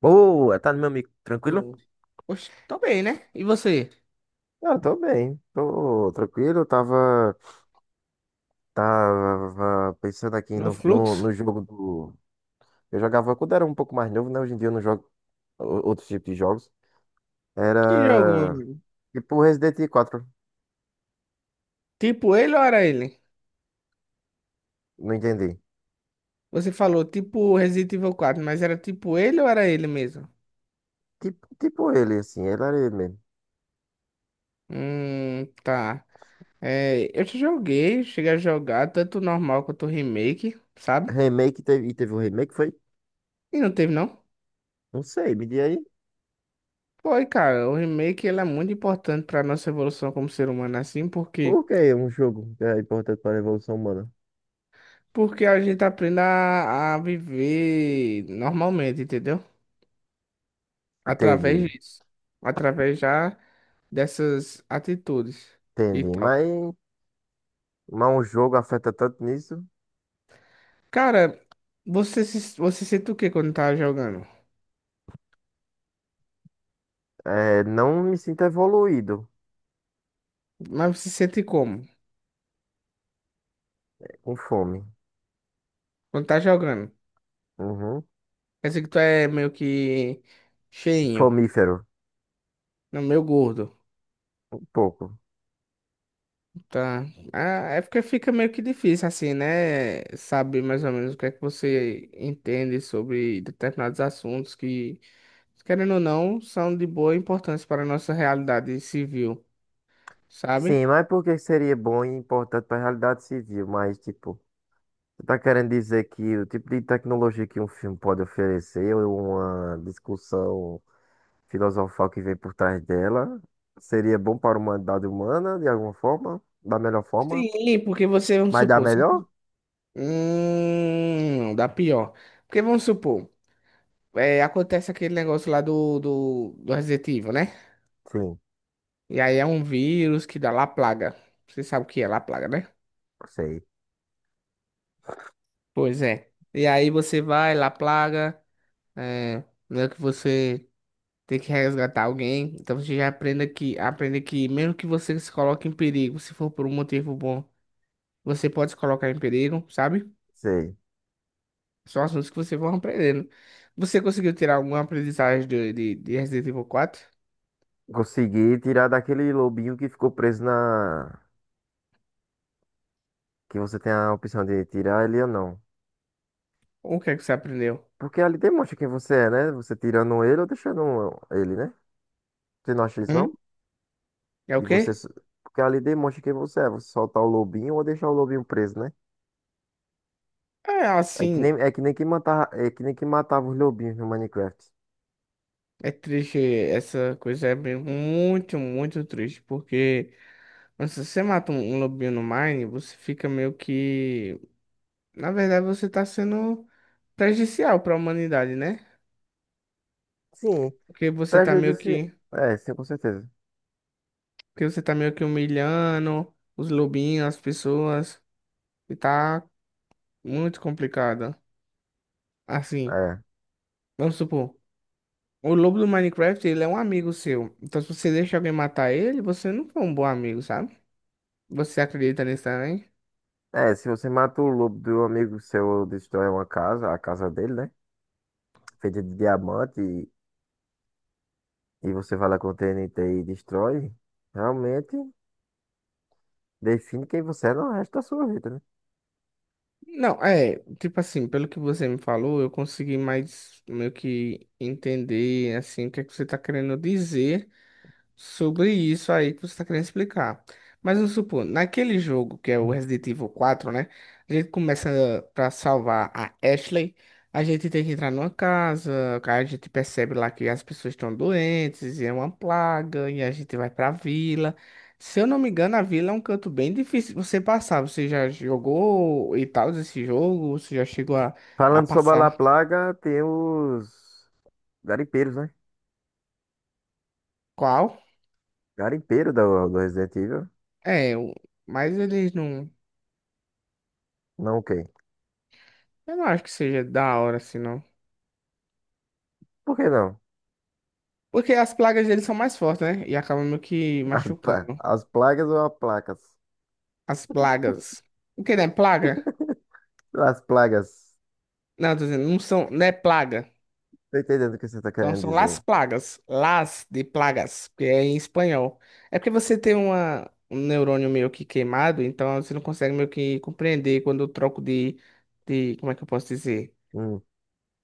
Boa, tá, meu amigo? Tranquilo? No- Oxe, tô bem, né? E você? Ah, tô bem, tô tranquilo. Tava, pensando aqui No no, no, Fluxo? no jogo do. Eu jogava quando era um pouco mais novo, né? Hoje em dia eu não jogo outros tipos de jogos. Que jogo, meu Era mano? tipo Resident Evil 4, Tipo ele ou era ele? não entendi. Você falou tipo Resident Evil quatro, mas era tipo ele ou era ele mesmo? Tipo ele, assim, ele era ele mesmo. Tá. É, eu já joguei, cheguei a jogar tanto o normal quanto o remake, sabe? Remake teve, e teve um remake, foi? E não teve, não? Não sei, me diga aí. Foi, cara. O remake ele é muito importante pra nossa evolução como ser humano, assim, porque Por que é um jogo que é importante para a evolução humana? porque a gente aprende a viver normalmente, entendeu? Entendi, Através disso. Através já dessas atitudes e entendi. tal. Mas um jogo afeta tanto nisso. Cara, você se, você sente o que quando tá jogando? É, não me sinto evoluído Mas você sente como? com fome. Quando tá jogando? Uhum. Quer dizer que tu é meio que cheinho, Fomífero, não, meio gordo, um pouco. tá? Ah, é porque fica meio que difícil assim, né? Saber mais ou menos o que é que você entende sobre determinados assuntos que, querendo ou não, são de boa importância para a nossa realidade civil, sabe? Sim, mas por que seria bom e importante para a realidade civil? Mas, tipo, você tá querendo dizer que o tipo de tecnologia que um filme pode oferecer, ou uma discussão filosofal que vem por trás dela, seria bom para a humanidade humana, de alguma forma? Da melhor forma? Sim, porque você, vamos Mas da supor, sabe? melhor? Não, dá pior. Porque vamos supor, é, acontece aquele negócio lá do Resident Evil, né? Sim, E aí é um vírus que dá lá plaga. Você sabe o que é lá plaga, né? sei, Pois é. E aí você vai lá plaga, é, meio que você tem que resgatar alguém. Então você já aprende que mesmo que você se coloque em perigo, se for por um motivo bom, você pode se colocar em perigo, sabe? sei. São assuntos que você vai aprendendo. Você conseguiu tirar alguma aprendizagem de Resident Evil quatro? Consegui tirar daquele lobinho que ficou preso na, que você tem a opção de tirar ele ou não. Ou o que é que você aprendeu? Porque ali demonstra quem você é, né? Você tirando ele ou deixando ele, né? Você não acha isso, Hum? não? É o E quê? você. Porque ali demonstra quem você é. Você soltar o lobinho ou deixar o lobinho preso, né? É assim, É que nem que matava, é que nem que matava os lobinhos no Minecraft. é triste, essa coisa é muito, muito triste, porque quando você mata um lobinho no Mine, você fica meio que. Na verdade, você tá sendo prejudicial para a humanidade, né? Sim, Porque você tá meio prejudício. que. É, sim, com certeza. Porque você tá meio que humilhando os lobinhos, as pessoas, e tá muito complicado. Assim. É. Vamos supor, o lobo do Minecraft, ele é um amigo seu. Então, se você deixa alguém matar ele, você não foi um bom amigo, sabe? Você acredita nisso também? É, se você mata o lobo do amigo seu ou destrói uma casa, a casa dele, né? Feita de diamante e você vai lá com o TNT e destrói, realmente. Define quem você é no resto da sua vida, né? Não, é, tipo assim, pelo que você me falou, eu consegui mais meio que entender, assim, o que é que você tá querendo dizer. Sobre isso aí que você está querendo explicar. Mas vamos supor, naquele jogo que é o Resident Evil quatro, né? A gente começa pra salvar a Ashley. A gente tem que entrar numa casa, a gente percebe lá que as pessoas estão doentes e é uma plaga, e a gente vai pra vila. Se eu não me engano, a vila é um canto bem difícil de você passar. Você já jogou e tal esse jogo? Você já chegou a Falando sobre a La passar Plaga, tem os garimpeiros, né? qual? Garimpeiro do Resident Evil. É, mas eles não. Não o quê? Eu não acho que seja da hora assim, não. Por que não? Porque as plagas deles são mais fortes, né? E acabam meio que machucando. As plagas ou as placas? As plagas. O que, né? Plaga? As plagas. Não, tô dizendo, não são, não é plaga. Tô entendendo o que você tá Então querendo são las dizer. plagas. Las de plagas, que é em espanhol. É porque você tem um neurônio meio que queimado, então você não consegue meio que compreender quando eu troco de, como é que eu posso dizer? Hum,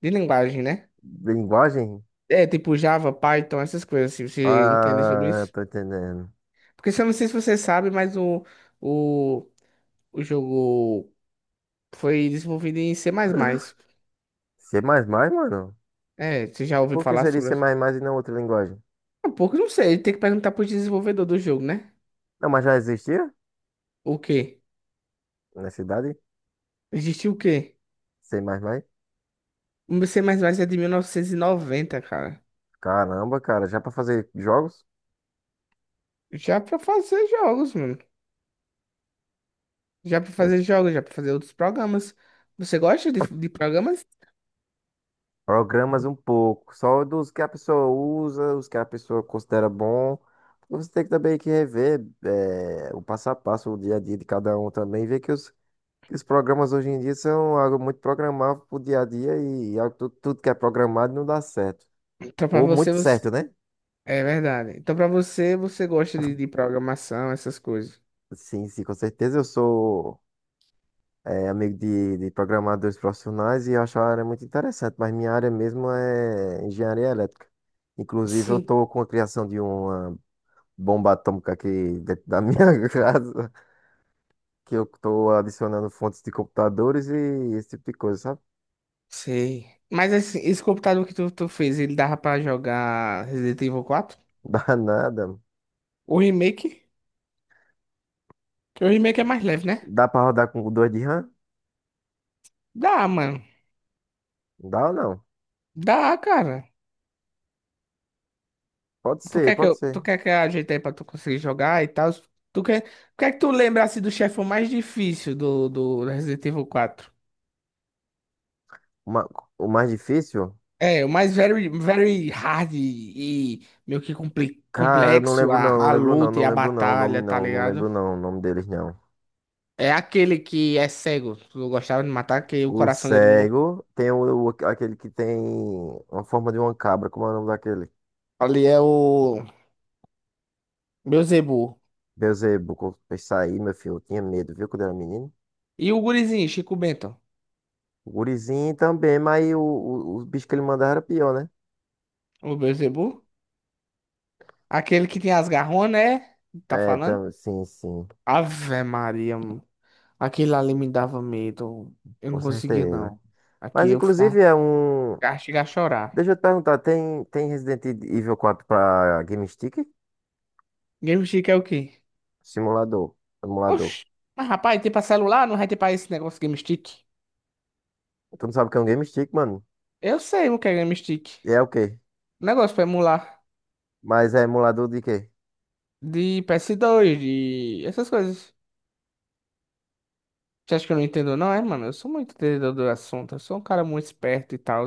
De linguagem, né? linguagem? É, tipo Java, Python, essas coisas, se você entende sobre Ah, isso. tô entendendo. Porque se eu não sei se você sabe, mas o, o jogo. Foi desenvolvido em C++. C++, mano? É, você já ouviu Por que falar seria sobre C++ isso? e não outra linguagem? Um pouco, não sei. Tem que perguntar pro desenvolvedor do jogo, né? Não, mas já existia? O quê? Na cidade? Existiu o quê? C++? O C++ é de 1990, cara. Caramba, cara, já pra fazer jogos? Já pra fazer jogos, mano. Já pra É. fazer jogos, já pra fazer outros programas. Você gosta de programas? Programas um pouco, só dos que a pessoa usa, os que a pessoa considera bom. Você tem que também que rever o passo a passo, o dia a dia de cada um também, ver que os programas hoje em dia são algo muito programável pro dia a dia e, algo, tudo, que é programado não dá certo. Então pra Ou você, muito você... certo, né? É verdade. Então pra você, você gosta de programação, essas coisas. Sim, sim, com certeza. Eu sou amigo de programadores profissionais e eu acho a área muito interessante, mas minha área mesmo é engenharia elétrica. Inclusive, eu Sim. estou com a criação de um bomba atômica aqui dentro da minha casa, que eu tô adicionando fontes de computadores e esse tipo de coisa, sabe? Sei. Mas esse computador que tu fez, ele dava pra jogar Resident Evil quatro? Dá nada. O remake? O remake é mais leve, né? Dá pra rodar com dois de RAM? Dá, mano. Dá ou não? Dá, cara. Pode Tu ser, quer que pode eu, tu ser. quer que eu ajeite aí pra tu conseguir jogar e tal? Tu quer, o que é que tu lembra assim do chefe mais difícil do Resident Evil quatro. Ma- o mais difícil? É, o mais very, very hard e meio que compli- Cara, eu não complexo lembro a, não, não a lembro não, luta e não a lembro não, o nome batalha, tá não, não ligado? lembro não, o nome deles não. É aquele que é cego. Tu gostava de matar, que o O coração dele. Cego tem aquele que tem uma forma de uma cabra, como é o nome daquele? Ali é o Beelzebub. Beelzebub, quando eu saí, meu filho, eu tinha medo, viu, quando eu era menino? E o gurizinho, Chico Bento. O gurizinho também, mas os bichos que ele mandava era pior, né? O Beelzebub? Aquele que tem as garronas, né? Tá falando? Sim, Ave Maria, mano. Aquele ali me dava medo. Eu com não conseguia, certeza. não. Aqui Mas eu inclusive ficava... é um. ficava- Chegava a chorar. Deixa eu te perguntar, tem Resident Evil 4 pra Game Stick? Game Stick é o quê? Simulador. Emulador. Oxi. Mas, rapaz, tem pra celular? Não vai ter pra esse negócio Game Stick? Tu não sabe o que é um Game Stick, mano? Eu sei o que é Game Stick. E é o quê? Negócio pra emular. Mas é emulador de quê? De PS2, essas coisas. Você acha que eu não entendo, não? É, mano, eu sou muito entendedor do assunto. Eu sou um cara muito esperto e tal.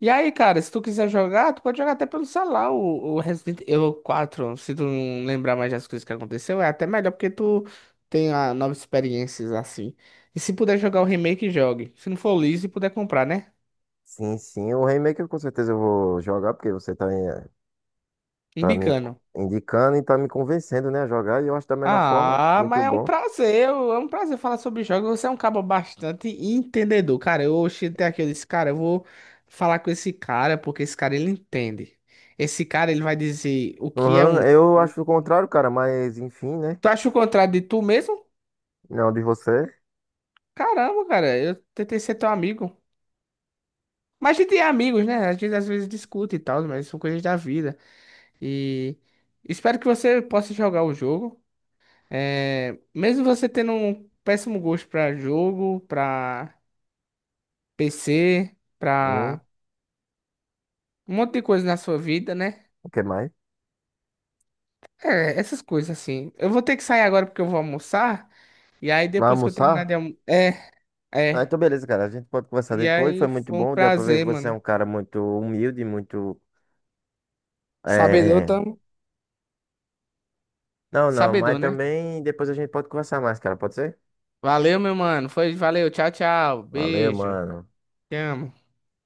E aí, cara, se tu quiser jogar, tu pode jogar até pelo celular o Resident Evil quatro. Se tu não lembrar mais das coisas que aconteceu, é até melhor porque tu tem novas experiências assim. E se puder jogar o remake, jogue. Se não for liso e puder comprar, né? Sim, sim. O remake eu com certeza eu vou jogar, porque você tá, tá me Imbicano. indicando e tá me convencendo, né, a jogar. E eu acho da melhor forma. Ah, Muito mas é um bom. prazer, é um prazer falar sobre jogos. Você é um cabo bastante entendedor, cara. Eu cheguei até aqui, eu disse, cara, eu vou falar com esse cara porque esse cara ele entende. Esse cara ele vai dizer o que é Uhum, um. eu acho o contrário, cara, mas enfim, né? Tu acha o contrário de tu mesmo? Não, de você. Caramba, cara, eu tentei ser teu amigo. Mas a gente é amigos, né? A gente às vezes discute e tal, mas são coisas da vida. E espero que você possa jogar o jogo. É, mesmo você tendo um péssimo gosto pra jogo, pra PC, Hum, pra um monte de coisa na sua vida, né? o que mais? É, essas coisas assim. Eu vou ter que sair agora porque eu vou almoçar. E aí Vai depois que eu terminar de almoçar? almoçar. É, Ah, é. então beleza, cara. A gente pode conversar E depois. Foi aí muito foi um bom. Deu pra ver que prazer, você é mano. um cara muito humilde, muito. É... é, Sabedor, é. tamo. Não, não, mas Sabedor, né? também depois a gente pode conversar mais, cara. Pode ser? Valeu, meu mano. Foi, valeu. Tchau, tchau. Valeu, Beijo. mano. Te amo.